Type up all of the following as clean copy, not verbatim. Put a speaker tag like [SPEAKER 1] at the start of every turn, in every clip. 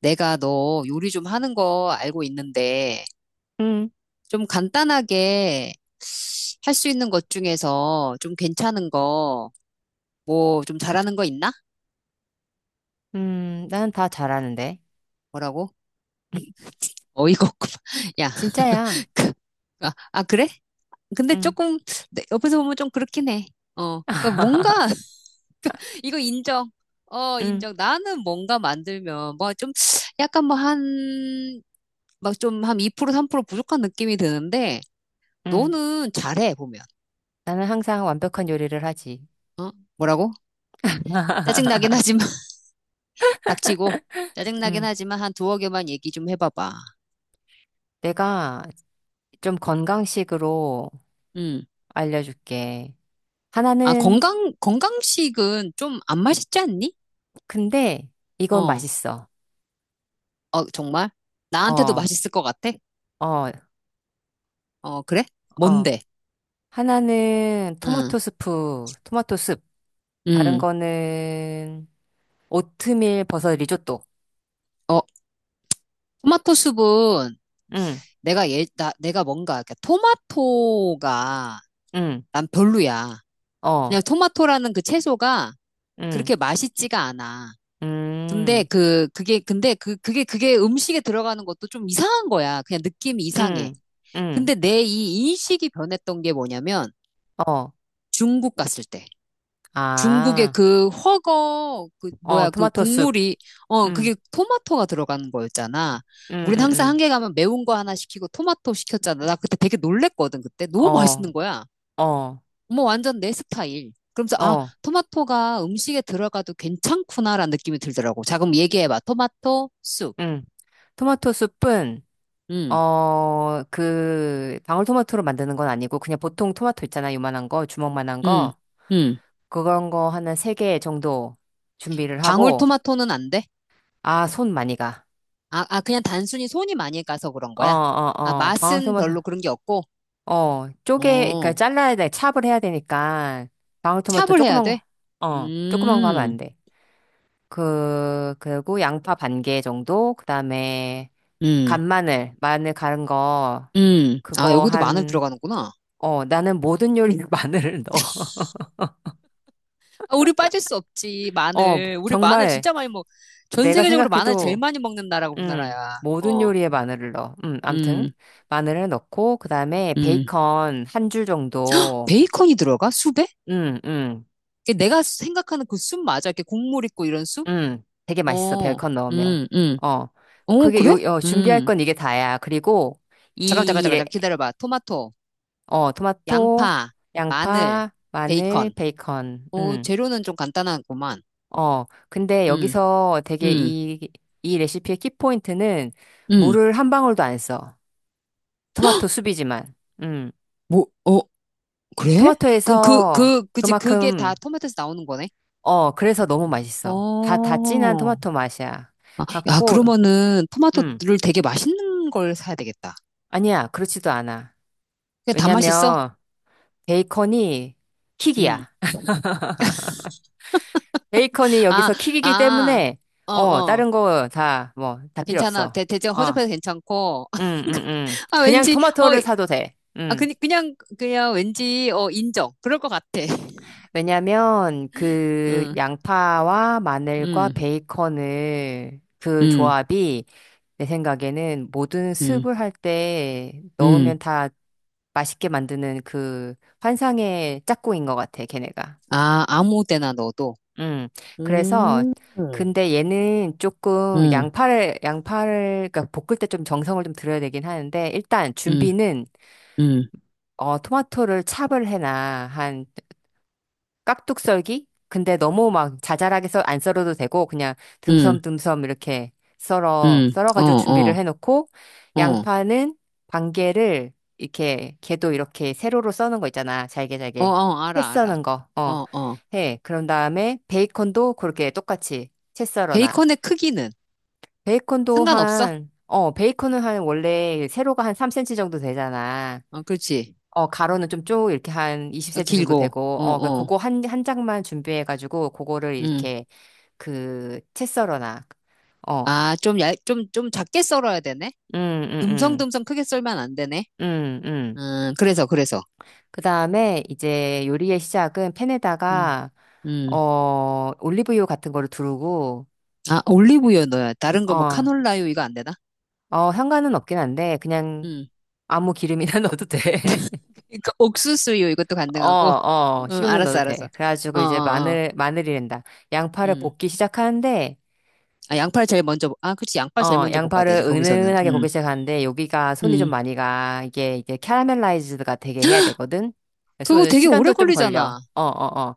[SPEAKER 1] 내가 너 요리 좀 하는 거 알고 있는데,
[SPEAKER 2] 응,
[SPEAKER 1] 좀 간단하게 할 수 있는 것 중에서 좀 괜찮은 거, 뭐 좀 잘하는 거 있나?
[SPEAKER 2] 나는 다 잘하는데.
[SPEAKER 1] 뭐라고? 어이가 없구만. 야,
[SPEAKER 2] 진짜야.
[SPEAKER 1] 그, 아, 그래? 근데
[SPEAKER 2] 응,
[SPEAKER 1] 조금 옆에서 보면 좀 그렇긴 해. 어, 그러니까 뭔가 이거 인정. 어,
[SPEAKER 2] 응,
[SPEAKER 1] 인정. 나는 뭔가 만들면 뭐 좀 약간 뭐 한, 막 좀 한 2% 3% 부족한 느낌이 드는데,
[SPEAKER 2] 응.
[SPEAKER 1] 너는 잘해, 보면.
[SPEAKER 2] 나는 항상 완벽한 요리를 하지.
[SPEAKER 1] 뭐라고? 짜증나긴 하지만, 닥치고, 짜증나긴
[SPEAKER 2] 응.
[SPEAKER 1] 하지만 한 두어 개만 얘기 좀 해봐봐.
[SPEAKER 2] 내가 좀 건강식으로
[SPEAKER 1] 음.
[SPEAKER 2] 알려줄게.
[SPEAKER 1] 아,
[SPEAKER 2] 하나는,
[SPEAKER 1] 건강식은 좀 안 맛있지 않니?
[SPEAKER 2] 근데 이건
[SPEAKER 1] 어,
[SPEAKER 2] 맛있어.
[SPEAKER 1] 어, 정말? 나한테도
[SPEAKER 2] 어,
[SPEAKER 1] 맛있을 것 같아?
[SPEAKER 2] 어,
[SPEAKER 1] 어, 그래?
[SPEAKER 2] 어.
[SPEAKER 1] 뭔데?
[SPEAKER 2] 하나는
[SPEAKER 1] 응,
[SPEAKER 2] 토마토 스프, 토마토 숲. 다른
[SPEAKER 1] 음.
[SPEAKER 2] 거는 오트밀 버섯 리조또.
[SPEAKER 1] 어, 토마토 숲은
[SPEAKER 2] 응,
[SPEAKER 1] 내가 뭔가, 이렇게 토마토가
[SPEAKER 2] 응,
[SPEAKER 1] 난 별로야.
[SPEAKER 2] 어,
[SPEAKER 1] 그냥 토마토라는 그 채소가
[SPEAKER 2] 응,
[SPEAKER 1] 그렇게 맛있지가 않아. 근데
[SPEAKER 2] 음.
[SPEAKER 1] 그 그게 근데 그 그게 그게 음식에 들어가는 것도 좀 이상한 거야. 그냥 느낌이 이상해.
[SPEAKER 2] 응, 응,
[SPEAKER 1] 근데 내 이 인식이 변했던 게 뭐냐면
[SPEAKER 2] 어,
[SPEAKER 1] 중국 갔을 때 중국의
[SPEAKER 2] 아,
[SPEAKER 1] 그 훠궈 그
[SPEAKER 2] 어,
[SPEAKER 1] 뭐야 그
[SPEAKER 2] 토마토 숲,
[SPEAKER 1] 국물이
[SPEAKER 2] 응,
[SPEAKER 1] 그게 토마토가 들어가는 거였잖아.
[SPEAKER 2] 응,
[SPEAKER 1] 우린 항상
[SPEAKER 2] 응,
[SPEAKER 1] 한개 가면 매운 거 하나 시키고 토마토 시켰잖아. 나 그때 되게 놀랬거든. 그때
[SPEAKER 2] 응,
[SPEAKER 1] 너무 맛있는
[SPEAKER 2] 어,
[SPEAKER 1] 거야.
[SPEAKER 2] 어,
[SPEAKER 1] 어머 완전 내 스타일. 그러면서
[SPEAKER 2] 어,
[SPEAKER 1] 토마토가 음식에 들어가도 괜찮구나라는 느낌이 들더라고. 자 그럼 얘기해봐. 토마토 쑥.
[SPEAKER 2] 응. 토마토 숲은,
[SPEAKER 1] 음.
[SPEAKER 2] 방울토마토로 만드는 건 아니고, 그냥 보통 토마토 있잖아, 요만한 거, 주먹만한
[SPEAKER 1] 음,
[SPEAKER 2] 거.
[SPEAKER 1] 음.
[SPEAKER 2] 그런 거 하나 세 개 정도 준비를 하고,
[SPEAKER 1] 방울토마토는 안 돼?
[SPEAKER 2] 아, 손 많이 가.
[SPEAKER 1] 아, 그냥 단순히 손이 많이 가서 그런
[SPEAKER 2] 어,
[SPEAKER 1] 거야?
[SPEAKER 2] 어,
[SPEAKER 1] 아,
[SPEAKER 2] 어,
[SPEAKER 1] 맛은
[SPEAKER 2] 방울토마토,
[SPEAKER 1] 별로 그런 게 없고,
[SPEAKER 2] 그러니까
[SPEAKER 1] 어,
[SPEAKER 2] 잘라야 돼, 찹을 해야 되니까, 방울토마토
[SPEAKER 1] 찹을 해야
[SPEAKER 2] 조그만
[SPEAKER 1] 돼?
[SPEAKER 2] 거, 어, 조그만 거 하면
[SPEAKER 1] 음,
[SPEAKER 2] 안 돼. 그리고 양파 반개 정도, 그 다음에
[SPEAKER 1] 음,
[SPEAKER 2] 간마늘, 마늘 갈은 거,
[SPEAKER 1] 아,
[SPEAKER 2] 그거
[SPEAKER 1] 여기도 마늘
[SPEAKER 2] 한,
[SPEAKER 1] 들어가는구나.
[SPEAKER 2] 어, 나는 모든 요리에 마늘을 넣어.
[SPEAKER 1] 아, 우리 빠질 수 없지,
[SPEAKER 2] 어,
[SPEAKER 1] 마늘. 우리 마늘
[SPEAKER 2] 정말
[SPEAKER 1] 진짜 많이 먹, 전
[SPEAKER 2] 내가
[SPEAKER 1] 세계적으로 마늘 제일
[SPEAKER 2] 생각해도,
[SPEAKER 1] 많이 먹는 나라가 우리나라야.
[SPEAKER 2] 모든
[SPEAKER 1] 어,
[SPEAKER 2] 요리에 마늘을 넣어. 암튼,
[SPEAKER 1] 음,
[SPEAKER 2] 마늘을 넣고, 그 다음에
[SPEAKER 1] 음.
[SPEAKER 2] 베이컨 한 줄 정도,
[SPEAKER 1] 베이컨이 들어가? 숲에?
[SPEAKER 2] 음, 음,
[SPEAKER 1] 이게 내가 생각하는 그 숲 맞아? 이렇게 국물 있고 이런 숲?
[SPEAKER 2] 되게 맛있어,
[SPEAKER 1] 어,
[SPEAKER 2] 베이컨 넣으면.
[SPEAKER 1] 음, 음.
[SPEAKER 2] 어,
[SPEAKER 1] 어,
[SPEAKER 2] 그게 요,
[SPEAKER 1] 그래?
[SPEAKER 2] 어, 준비할
[SPEAKER 1] 음.
[SPEAKER 2] 건 이게 다야. 그리고,
[SPEAKER 1] 잠깐, 잠깐,
[SPEAKER 2] 이
[SPEAKER 1] 잠깐,
[SPEAKER 2] 레-
[SPEAKER 1] 잠깐 기다려봐. 토마토,
[SPEAKER 2] 어, 토마토,
[SPEAKER 1] 양파, 마늘,
[SPEAKER 2] 양파, 마늘,
[SPEAKER 1] 베이컨.
[SPEAKER 2] 베이컨.
[SPEAKER 1] 오,
[SPEAKER 2] 음.
[SPEAKER 1] 재료는 좀 간단하구만.
[SPEAKER 2] 어, 근데
[SPEAKER 1] 음,
[SPEAKER 2] 여기서
[SPEAKER 1] 음,
[SPEAKER 2] 이 레시피의 키포인트는
[SPEAKER 1] 음.
[SPEAKER 2] 물을 한 방울도 안 써. 토마토 수비지만. 음.
[SPEAKER 1] 뭐, 어, 그래? 그럼 그,
[SPEAKER 2] 토마토에서
[SPEAKER 1] 그, 그치, 그게 다
[SPEAKER 2] 그만큼,
[SPEAKER 1] 토마토에서 나오는 거네?
[SPEAKER 2] 어, 그래서 너무 맛있어. 다 진한
[SPEAKER 1] 어.
[SPEAKER 2] 토마토 맛이야.
[SPEAKER 1] 아, 야,
[SPEAKER 2] 갖고,
[SPEAKER 1] 그러면은
[SPEAKER 2] 음.
[SPEAKER 1] 토마토를 되게 맛있는 걸 사야 되겠다.
[SPEAKER 2] 아니야, 그렇지도 않아.
[SPEAKER 1] 그다 맛있어?
[SPEAKER 2] 왜냐면, 베이컨이
[SPEAKER 1] 음.
[SPEAKER 2] 킥이야. 베이컨이
[SPEAKER 1] 아,
[SPEAKER 2] 여기서 킥이기
[SPEAKER 1] 아,
[SPEAKER 2] 때문에,
[SPEAKER 1] 어,
[SPEAKER 2] 어,
[SPEAKER 1] 어.
[SPEAKER 2] 다른 거 다, 뭐, 다 필요
[SPEAKER 1] 괜찮아.
[SPEAKER 2] 없어.
[SPEAKER 1] 대체
[SPEAKER 2] 어,
[SPEAKER 1] 허접해서 괜찮고.
[SPEAKER 2] 응, 응, 응.
[SPEAKER 1] 아,
[SPEAKER 2] 그냥
[SPEAKER 1] 왠지, 어,
[SPEAKER 2] 토마토를 사도 돼.
[SPEAKER 1] 아,
[SPEAKER 2] 응.
[SPEAKER 1] 그냥 왠지, 어, 인정. 그럴 것 같아.
[SPEAKER 2] 왜냐면, 그,
[SPEAKER 1] 응.
[SPEAKER 2] 양파와 마늘과
[SPEAKER 1] 음,
[SPEAKER 2] 베이컨을, 그
[SPEAKER 1] 음,
[SPEAKER 2] 조합이, 내 생각에는 모든
[SPEAKER 1] 음,
[SPEAKER 2] 스уп을 할 때
[SPEAKER 1] 음.
[SPEAKER 2] 넣으면 다 맛있게 만드는 그 환상의 짝꿍인 것 같아, 걔네가.
[SPEAKER 1] 아, 아무 데나 넣어도.
[SPEAKER 2] 음. 그래서
[SPEAKER 1] 음, 음,
[SPEAKER 2] 근데 얘는 조금
[SPEAKER 1] 음,
[SPEAKER 2] 양파를 그러니까 볶을 때 좀 정성을 좀 들여야 되긴 하는데 일단 준비는
[SPEAKER 1] 음,
[SPEAKER 2] 어 토마토를 찹을 해놔. 깍둑 썰기? 근데 너무 막 자잘하게 안 썰어도 되고, 그냥
[SPEAKER 1] 음,
[SPEAKER 2] 듬섬듬섬 이렇게
[SPEAKER 1] 어,
[SPEAKER 2] 썰어가지고 준비를
[SPEAKER 1] 어,
[SPEAKER 2] 해놓고,
[SPEAKER 1] 어,
[SPEAKER 2] 양파는 반개를 이렇게, 개도 이렇게 세로로 써는 거 있잖아. 잘게
[SPEAKER 1] 어,
[SPEAKER 2] 잘게.
[SPEAKER 1] 어,
[SPEAKER 2] 채
[SPEAKER 1] 알아, 알아.
[SPEAKER 2] 써는 거,
[SPEAKER 1] 어,
[SPEAKER 2] 어,
[SPEAKER 1] 어.
[SPEAKER 2] 해. 그런 다음에 베이컨도 그렇게 똑같이 채 썰어놔.
[SPEAKER 1] 베이컨의 크기는
[SPEAKER 2] 베이컨도
[SPEAKER 1] 상관없어?
[SPEAKER 2] 한, 어, 베이컨은 한 원래 세로가 한 3cm 정도 되잖아.
[SPEAKER 1] 어, 그렇지.
[SPEAKER 2] 어, 가로는 좀 쭉 이렇게 한
[SPEAKER 1] 어,
[SPEAKER 2] 20cm 정도
[SPEAKER 1] 길고,
[SPEAKER 2] 되고,
[SPEAKER 1] 어, 어,
[SPEAKER 2] 그거 한, 한 장만 준비해가지고, 그거를
[SPEAKER 1] 음.
[SPEAKER 2] 이렇게, 그, 채썰어놔. 어,
[SPEAKER 1] 아, 좀 작게 썰어야 되네?
[SPEAKER 2] 음, 음, 음,
[SPEAKER 1] 듬성듬성 크게 썰면 안 되네?
[SPEAKER 2] 음, 음.
[SPEAKER 1] 그래서, 그래서.
[SPEAKER 2] 그 다음에 이제 요리의 시작은
[SPEAKER 1] 음,
[SPEAKER 2] 팬에다가,
[SPEAKER 1] 음.
[SPEAKER 2] 어, 올리브유 같은 거를 두르고,
[SPEAKER 1] 아, 올리브유 넣어야. 다른 거
[SPEAKER 2] 어,
[SPEAKER 1] 뭐
[SPEAKER 2] 어,
[SPEAKER 1] 카놀라유 이거 안 되나?
[SPEAKER 2] 향가은 없긴 한데, 그냥
[SPEAKER 1] 응.
[SPEAKER 2] 아무 기름이나 넣어도 돼.
[SPEAKER 1] 그러니까 옥수수요 이것도
[SPEAKER 2] 어,
[SPEAKER 1] 가능하고.
[SPEAKER 2] 어,
[SPEAKER 1] 응,
[SPEAKER 2] 식용유
[SPEAKER 1] 알았어,
[SPEAKER 2] 넣어도
[SPEAKER 1] 알았어.
[SPEAKER 2] 돼.
[SPEAKER 1] 어, 어,
[SPEAKER 2] 그래가지고 이제
[SPEAKER 1] 어.
[SPEAKER 2] 마늘, 마늘이란다. 양파를
[SPEAKER 1] 음.
[SPEAKER 2] 볶기 시작하는데,
[SPEAKER 1] 아, 양파를 제일 먼저, 아, 그치, 양파 제일
[SPEAKER 2] 어,
[SPEAKER 1] 먼저 볶아야
[SPEAKER 2] 양파를
[SPEAKER 1] 되지, 거기서는.
[SPEAKER 2] 은은하게 볶기 시작하는데 여기가 손이 좀
[SPEAKER 1] 음.
[SPEAKER 2] 많이 가. 이게 캐러멜라이즈드가 되게 해야 되거든.
[SPEAKER 1] 그거
[SPEAKER 2] 그래서
[SPEAKER 1] 되게 오래
[SPEAKER 2] 시간도 좀 걸려.
[SPEAKER 1] 걸리잖아.
[SPEAKER 2] 어, 어, 어.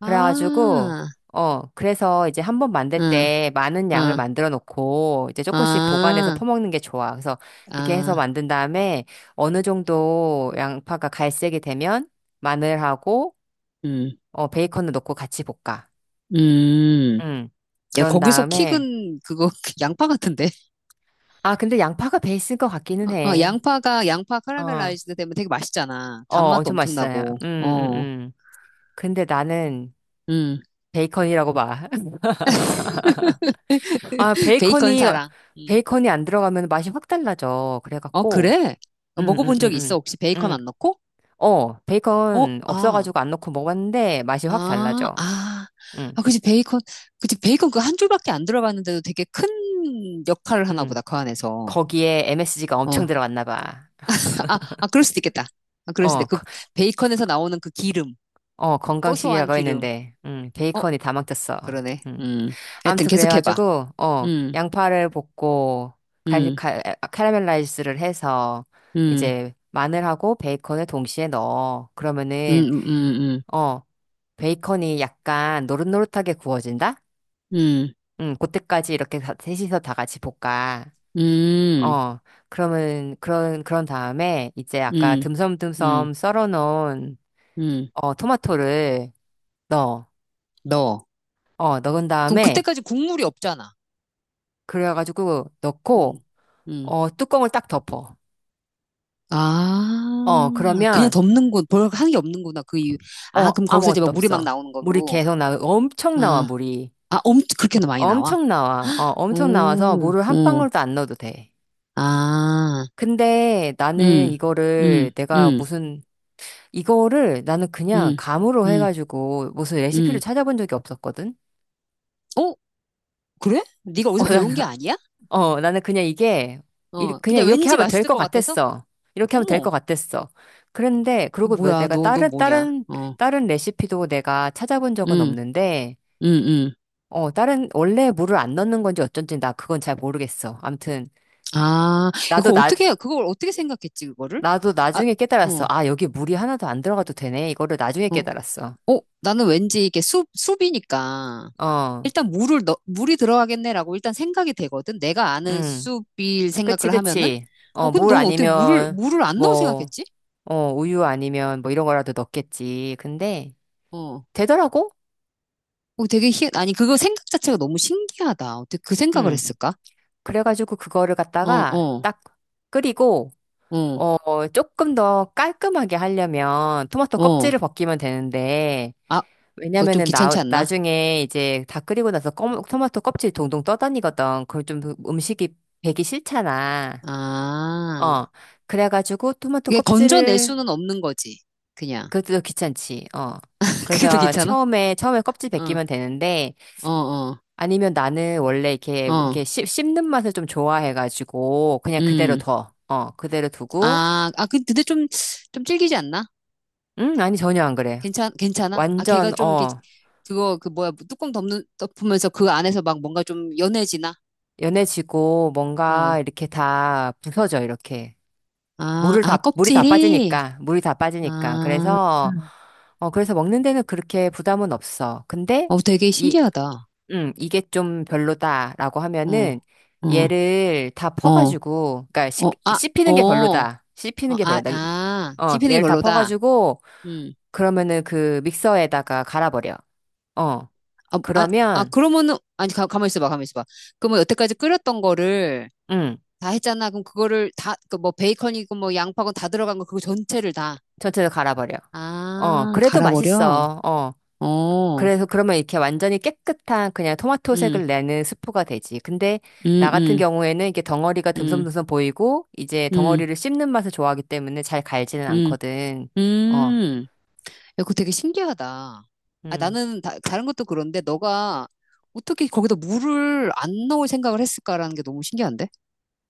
[SPEAKER 2] 그래가지고
[SPEAKER 1] 아,
[SPEAKER 2] 어, 그래서 이제 한 번 만들
[SPEAKER 1] 응,
[SPEAKER 2] 때 많은 양을
[SPEAKER 1] 응,
[SPEAKER 2] 만들어 놓고 이제 조금씩 보관해서
[SPEAKER 1] 아,
[SPEAKER 2] 퍼먹는 게 좋아. 그래서 그렇게 해서
[SPEAKER 1] 아,
[SPEAKER 2] 만든 다음에 어느 정도 양파가 갈색이 되면 마늘하고
[SPEAKER 1] 음,
[SPEAKER 2] 어, 베이컨을 넣고 같이 볶아.
[SPEAKER 1] 음.
[SPEAKER 2] 음.
[SPEAKER 1] 야,
[SPEAKER 2] 그런
[SPEAKER 1] 거기서
[SPEAKER 2] 다음에
[SPEAKER 1] 킥은 그거 양파 같은데?
[SPEAKER 2] 아, 근데 양파가 베이스인 것 같기는
[SPEAKER 1] 어, 어,
[SPEAKER 2] 해.
[SPEAKER 1] 양파
[SPEAKER 2] 어.
[SPEAKER 1] 카라멜라이즈드 되면 되게 맛있잖아.
[SPEAKER 2] 어,
[SPEAKER 1] 단맛도
[SPEAKER 2] 엄청
[SPEAKER 1] 엄청
[SPEAKER 2] 맛있어요.
[SPEAKER 1] 나고, 어,
[SPEAKER 2] 근데 나는
[SPEAKER 1] 음.
[SPEAKER 2] 베이컨이라고 봐. 아,
[SPEAKER 1] 베이컨
[SPEAKER 2] 베이컨이,
[SPEAKER 1] 사랑. 응.
[SPEAKER 2] 베이컨이 안 들어가면 맛이 확 달라져.
[SPEAKER 1] 어,
[SPEAKER 2] 그래갖고,
[SPEAKER 1] 그래? 어,
[SPEAKER 2] 음, 음,
[SPEAKER 1] 먹어본
[SPEAKER 2] 음,
[SPEAKER 1] 적 있어?
[SPEAKER 2] 음.
[SPEAKER 1] 혹시 베이컨
[SPEAKER 2] 음.
[SPEAKER 1] 안 넣고?
[SPEAKER 2] 어,
[SPEAKER 1] 어,
[SPEAKER 2] 베이컨
[SPEAKER 1] 아,
[SPEAKER 2] 없어가지고 안 넣고 먹었는데 맛이 확
[SPEAKER 1] 아,
[SPEAKER 2] 달라져.
[SPEAKER 1] 아.
[SPEAKER 2] 음,
[SPEAKER 1] 아, 그치, 베이컨. 그치, 베이컨 그 한 줄밖에 안 들어갔는데도 되게 큰 역할을 하나
[SPEAKER 2] 음.
[SPEAKER 1] 보다, 그 안에서.
[SPEAKER 2] 거기에 MSG가 엄청
[SPEAKER 1] 어.
[SPEAKER 2] 들어갔나 봐.
[SPEAKER 1] 아, 그럴 수도 있겠다. 아, 그럴 수도
[SPEAKER 2] 어,
[SPEAKER 1] 있그
[SPEAKER 2] 거-
[SPEAKER 1] 베이컨에서 나오는 그 기름,
[SPEAKER 2] 어,
[SPEAKER 1] 고소한
[SPEAKER 2] 건강식이라고
[SPEAKER 1] 기름.
[SPEAKER 2] 했는데,
[SPEAKER 1] 어,
[SPEAKER 2] 베이컨이 다 망쳤어.
[SPEAKER 1] 그러네. 음. 하여튼
[SPEAKER 2] 아무튼
[SPEAKER 1] 계속해봐.
[SPEAKER 2] 그래가지고 어
[SPEAKER 1] 음,
[SPEAKER 2] 양파를 볶고 갈,
[SPEAKER 1] 음,
[SPEAKER 2] 갈, 카라멜라이즈를 해서
[SPEAKER 1] 음,
[SPEAKER 2] 이제 마늘하고 베이컨을 동시에 넣어.
[SPEAKER 1] 음,
[SPEAKER 2] 그러면은
[SPEAKER 1] 음, 음,
[SPEAKER 2] 어 베이컨이 약간 노릇노릇하게 구워진다?
[SPEAKER 1] 음,
[SPEAKER 2] 응, 그때까지 이렇게 셋이서 다 같이 볶아.
[SPEAKER 1] 음,
[SPEAKER 2] 어 그러면 그런 다음에 이제 아까
[SPEAKER 1] 음, 음, 음.
[SPEAKER 2] 듬섬듬섬 썰어놓은
[SPEAKER 1] 음.
[SPEAKER 2] 어 토마토를 넣어.
[SPEAKER 1] 넣어.
[SPEAKER 2] 어 넣은
[SPEAKER 1] 그럼
[SPEAKER 2] 다음에
[SPEAKER 1] 그때까지 국물이 없잖아.
[SPEAKER 2] 그래가지고
[SPEAKER 1] 음.
[SPEAKER 2] 넣고
[SPEAKER 1] 음.
[SPEAKER 2] 어 뚜껑을 딱 덮어.
[SPEAKER 1] 아,
[SPEAKER 2] 어,
[SPEAKER 1] 그냥
[SPEAKER 2] 그러면,
[SPEAKER 1] 덮는 곳, 별 하는 게 없는 구나그 이유. 아,
[SPEAKER 2] 어,
[SPEAKER 1] 그럼 거기서 이제
[SPEAKER 2] 아무것도
[SPEAKER 1] 막 물이 막
[SPEAKER 2] 없어.
[SPEAKER 1] 나오는
[SPEAKER 2] 물이
[SPEAKER 1] 거고.
[SPEAKER 2] 계속 나와. 엄청 나와,
[SPEAKER 1] 아,
[SPEAKER 2] 물이.
[SPEAKER 1] 아, 엄청 그렇게 나 많이 나와?
[SPEAKER 2] 엄청 나와. 어, 엄청 나와서
[SPEAKER 1] 오,
[SPEAKER 2] 물을 한
[SPEAKER 1] 오,
[SPEAKER 2] 방울도 안 넣어도 돼.
[SPEAKER 1] 아,
[SPEAKER 2] 근데 나는
[SPEAKER 1] 음, 음,
[SPEAKER 2] 이거를 내가
[SPEAKER 1] 음,
[SPEAKER 2] 무슨, 이거를 나는 그냥
[SPEAKER 1] 음,
[SPEAKER 2] 감으로
[SPEAKER 1] 음,
[SPEAKER 2] 해가지고 무슨 레시피를
[SPEAKER 1] 음.
[SPEAKER 2] 찾아본 적이 없었거든?
[SPEAKER 1] 어, 그래? 네가
[SPEAKER 2] 어,
[SPEAKER 1] 어디서 배운
[SPEAKER 2] 나는,
[SPEAKER 1] 게 아니야?
[SPEAKER 2] 어, 나는 그냥 이게, 이,
[SPEAKER 1] 어,
[SPEAKER 2] 그냥
[SPEAKER 1] 그냥
[SPEAKER 2] 이렇게
[SPEAKER 1] 왠지
[SPEAKER 2] 하면 될
[SPEAKER 1] 맛있을
[SPEAKER 2] 것
[SPEAKER 1] 것 같아서?
[SPEAKER 2] 같았어. 이렇게 하면 될
[SPEAKER 1] 어머,
[SPEAKER 2] 것 같았어. 그런데, 그리고 뭐
[SPEAKER 1] 뭐야,
[SPEAKER 2] 내가
[SPEAKER 1] 너 뭐냐? 어,
[SPEAKER 2] 다른 레시피도 내가 찾아본 적은
[SPEAKER 1] 음,
[SPEAKER 2] 없는데,
[SPEAKER 1] 음, 음.
[SPEAKER 2] 어, 다른, 원래 물을 안 넣는 건지 어쩐지 나 그건 잘 모르겠어. 암튼,
[SPEAKER 1] 아,
[SPEAKER 2] 나도
[SPEAKER 1] 그걸
[SPEAKER 2] 나,
[SPEAKER 1] 어떻게, 그걸 어떻게 생각했지, 그거를?
[SPEAKER 2] 나도
[SPEAKER 1] 아,
[SPEAKER 2] 나중에 깨달았어.
[SPEAKER 1] 어,
[SPEAKER 2] 아, 여기 물이 하나도 안 들어가도 되네. 이거를 나중에
[SPEAKER 1] 어.
[SPEAKER 2] 깨달았어.
[SPEAKER 1] 어, 나는 왠지 이게 숲이니까
[SPEAKER 2] 어,
[SPEAKER 1] 일단 물이 들어가겠네라고 일단 생각이 되거든. 내가 아는
[SPEAKER 2] 음,
[SPEAKER 1] 숲일
[SPEAKER 2] 그치,
[SPEAKER 1] 생각을 하면은.
[SPEAKER 2] 그치.
[SPEAKER 1] 어,
[SPEAKER 2] 어,
[SPEAKER 1] 근데
[SPEAKER 2] 물
[SPEAKER 1] 넌 어떻게 물을,
[SPEAKER 2] 아니면,
[SPEAKER 1] 물을 안 넣을
[SPEAKER 2] 뭐,
[SPEAKER 1] 생각했지?
[SPEAKER 2] 어, 우유 아니면 뭐 이런 거라도 넣겠지. 근데,
[SPEAKER 1] 어.
[SPEAKER 2] 되더라고?
[SPEAKER 1] 어, 되게 희, 아니, 그거 생각 자체가 너무 신기하다. 어떻게 그 생각을
[SPEAKER 2] 음,
[SPEAKER 1] 했을까?
[SPEAKER 2] 그래가지고 그거를
[SPEAKER 1] 어,
[SPEAKER 2] 갖다가
[SPEAKER 1] 어,
[SPEAKER 2] 딱 끓이고,
[SPEAKER 1] 어,
[SPEAKER 2] 어, 조금 더 깔끔하게 하려면 토마토
[SPEAKER 1] 어.
[SPEAKER 2] 껍질을 벗기면 되는데,
[SPEAKER 1] 아, 그거 좀 귀찮지 않나?
[SPEAKER 2] 나중에 이제 다 끓이고 나서 토마토 껍질 동동 떠다니거든. 그걸 좀 음식이 배기 싫잖아.
[SPEAKER 1] 아.
[SPEAKER 2] 어. 그래가지고 토마토
[SPEAKER 1] 이게 건져낼
[SPEAKER 2] 껍질을,
[SPEAKER 1] 수는 없는 거지. 그냥.
[SPEAKER 2] 그것도 귀찮지. 어.
[SPEAKER 1] 그게 더
[SPEAKER 2] 그래서
[SPEAKER 1] 귀찮아?
[SPEAKER 2] 처음에 껍질
[SPEAKER 1] 어,
[SPEAKER 2] 벗기면 되는데,
[SPEAKER 1] 어, 어,
[SPEAKER 2] 아니면 나는 원래
[SPEAKER 1] 어.
[SPEAKER 2] 이렇게 씹는 맛을 좀 좋아해가지고, 그냥 그대로
[SPEAKER 1] 음.
[SPEAKER 2] 둬. 어, 그대로 두고,
[SPEAKER 1] 아, 근데 좀, 질기지 않나?
[SPEAKER 2] 아니, 전혀 안 그래.
[SPEAKER 1] 괜찮아? 아, 걔가
[SPEAKER 2] 완전,
[SPEAKER 1] 좀, 이렇게
[SPEAKER 2] 어,
[SPEAKER 1] 그거, 그 뭐야, 뭐 뚜껑 덮으면서 그 안에서 막 뭔가 좀 연해지나?
[SPEAKER 2] 연해지고, 뭔가
[SPEAKER 1] 어.
[SPEAKER 2] 이렇게 다 부서져, 이렇게.
[SPEAKER 1] 아, 아,
[SPEAKER 2] 물이 다
[SPEAKER 1] 껍질이?
[SPEAKER 2] 빠지니까, 물이 다 빠지니까.
[SPEAKER 1] 아,
[SPEAKER 2] 그래서, 어, 그래서 먹는 데는 그렇게 부담은 없어. 근데,
[SPEAKER 1] 어, 되게
[SPEAKER 2] 이,
[SPEAKER 1] 신기하다.
[SPEAKER 2] 이게 좀 별로다라고
[SPEAKER 1] 어,
[SPEAKER 2] 하면은,
[SPEAKER 1] 어,
[SPEAKER 2] 얘를 다
[SPEAKER 1] 어,
[SPEAKER 2] 퍼가지고, 그러니까
[SPEAKER 1] 어, 아, 어,
[SPEAKER 2] 씹히는 게
[SPEAKER 1] 어,
[SPEAKER 2] 별로다. 씹히는 게
[SPEAKER 1] 아,
[SPEAKER 2] 별로다.
[SPEAKER 1] 아,
[SPEAKER 2] 어,
[SPEAKER 1] 씹히는 게
[SPEAKER 2] 얘를 다
[SPEAKER 1] 별로다.
[SPEAKER 2] 퍼가지고,
[SPEAKER 1] 음.
[SPEAKER 2] 그러면은 그 믹서에다가 갈아버려. 어,
[SPEAKER 1] 아, 아, 아,
[SPEAKER 2] 그러면,
[SPEAKER 1] 그러면은, 아니, 가만히 있어봐, 가만히 있어봐. 그러면 여태까지 끓였던 거를
[SPEAKER 2] 음,
[SPEAKER 1] 다 했잖아. 그럼 그거를 다, 그 뭐 베이컨이고 뭐 양파고 다 들어간 거 그거 전체를 다.
[SPEAKER 2] 전체를 갈아버려. 어,
[SPEAKER 1] 아,
[SPEAKER 2] 그래도
[SPEAKER 1] 갈아버려?
[SPEAKER 2] 맛있어. 어,
[SPEAKER 1] 어,
[SPEAKER 2] 그래서 그러면 이렇게 완전히 깨끗한 그냥
[SPEAKER 1] 음,
[SPEAKER 2] 토마토색을 내는 스프가 되지. 근데
[SPEAKER 1] 음,
[SPEAKER 2] 나 같은
[SPEAKER 1] 음,
[SPEAKER 2] 경우에는 이게 덩어리가
[SPEAKER 1] 음,
[SPEAKER 2] 듬성듬성 보이고 이제
[SPEAKER 1] 음,
[SPEAKER 2] 덩어리를 씹는 맛을 좋아하기 때문에 잘 갈지는
[SPEAKER 1] 음,
[SPEAKER 2] 않거든. 어,
[SPEAKER 1] 음. 야, 그거 되게 신기하다. 아,
[SPEAKER 2] 음,
[SPEAKER 1] 나는 다른 것도 그런데 너가 어떻게 거기다 물을 안 넣을 생각을 했을까라는 게 너무 신기한데?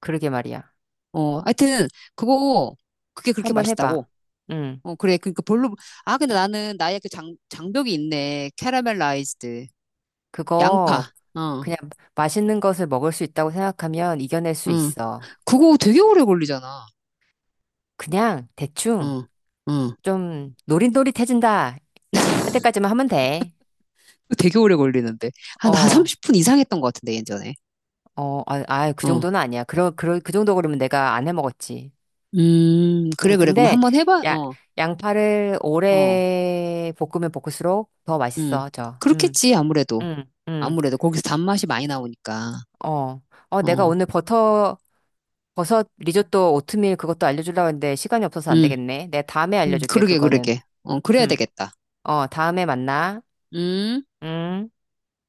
[SPEAKER 2] 그러게 말이야.
[SPEAKER 1] 어, 하여튼, 그거, 그게 그렇게
[SPEAKER 2] 한번 해봐.
[SPEAKER 1] 맛있다고.
[SPEAKER 2] 음,
[SPEAKER 1] 어, 그래. 그러니까 별로, 아, 근데 나는 나의 그 장벽이 있네. 캐러멜라이즈드.
[SPEAKER 2] 그거
[SPEAKER 1] 양파. 어,
[SPEAKER 2] 그냥 맛있는 것을 먹을 수 있다고 생각하면 이겨낼 수
[SPEAKER 1] 응.
[SPEAKER 2] 있어.
[SPEAKER 1] 그거 되게 오래 걸리잖아.
[SPEAKER 2] 그냥 대충
[SPEAKER 1] 응, 응.
[SPEAKER 2] 좀 노릇노릇해진다 할 때까지만 하면 돼.
[SPEAKER 1] 되게 오래 걸리는데. 한
[SPEAKER 2] 어,
[SPEAKER 1] 30분 이상 했던 것 같은데, 예전에.
[SPEAKER 2] 어, 아, 아, 그
[SPEAKER 1] 어.
[SPEAKER 2] 정도는 아니야. 그 정도 그러면 내가 안 해 먹었지.
[SPEAKER 1] 그래, 그래. 그럼
[SPEAKER 2] 근데
[SPEAKER 1] 한번 해봐.
[SPEAKER 2] 야,
[SPEAKER 1] 어,
[SPEAKER 2] 양파를
[SPEAKER 1] 어,
[SPEAKER 2] 오래 볶으면 볶을수록 더
[SPEAKER 1] 음.
[SPEAKER 2] 맛있어져.
[SPEAKER 1] 그렇겠지, 아무래도.
[SPEAKER 2] 음, 음.
[SPEAKER 1] 아무래도. 거기서 단맛이 많이 나오니까.
[SPEAKER 2] 어, 어, 내가
[SPEAKER 1] 어,
[SPEAKER 2] 오늘 버터 버섯 리조또 오트밀 그것도 알려주려고 했는데 시간이 없어서 안
[SPEAKER 1] 음,
[SPEAKER 2] 되겠네. 내가 다음에 알려줄게
[SPEAKER 1] 그러게,
[SPEAKER 2] 그거는.
[SPEAKER 1] 그러게. 어, 그래야
[SPEAKER 2] 음,
[SPEAKER 1] 되겠다.
[SPEAKER 2] 어, 다음에 만나.
[SPEAKER 1] 음.
[SPEAKER 2] 음.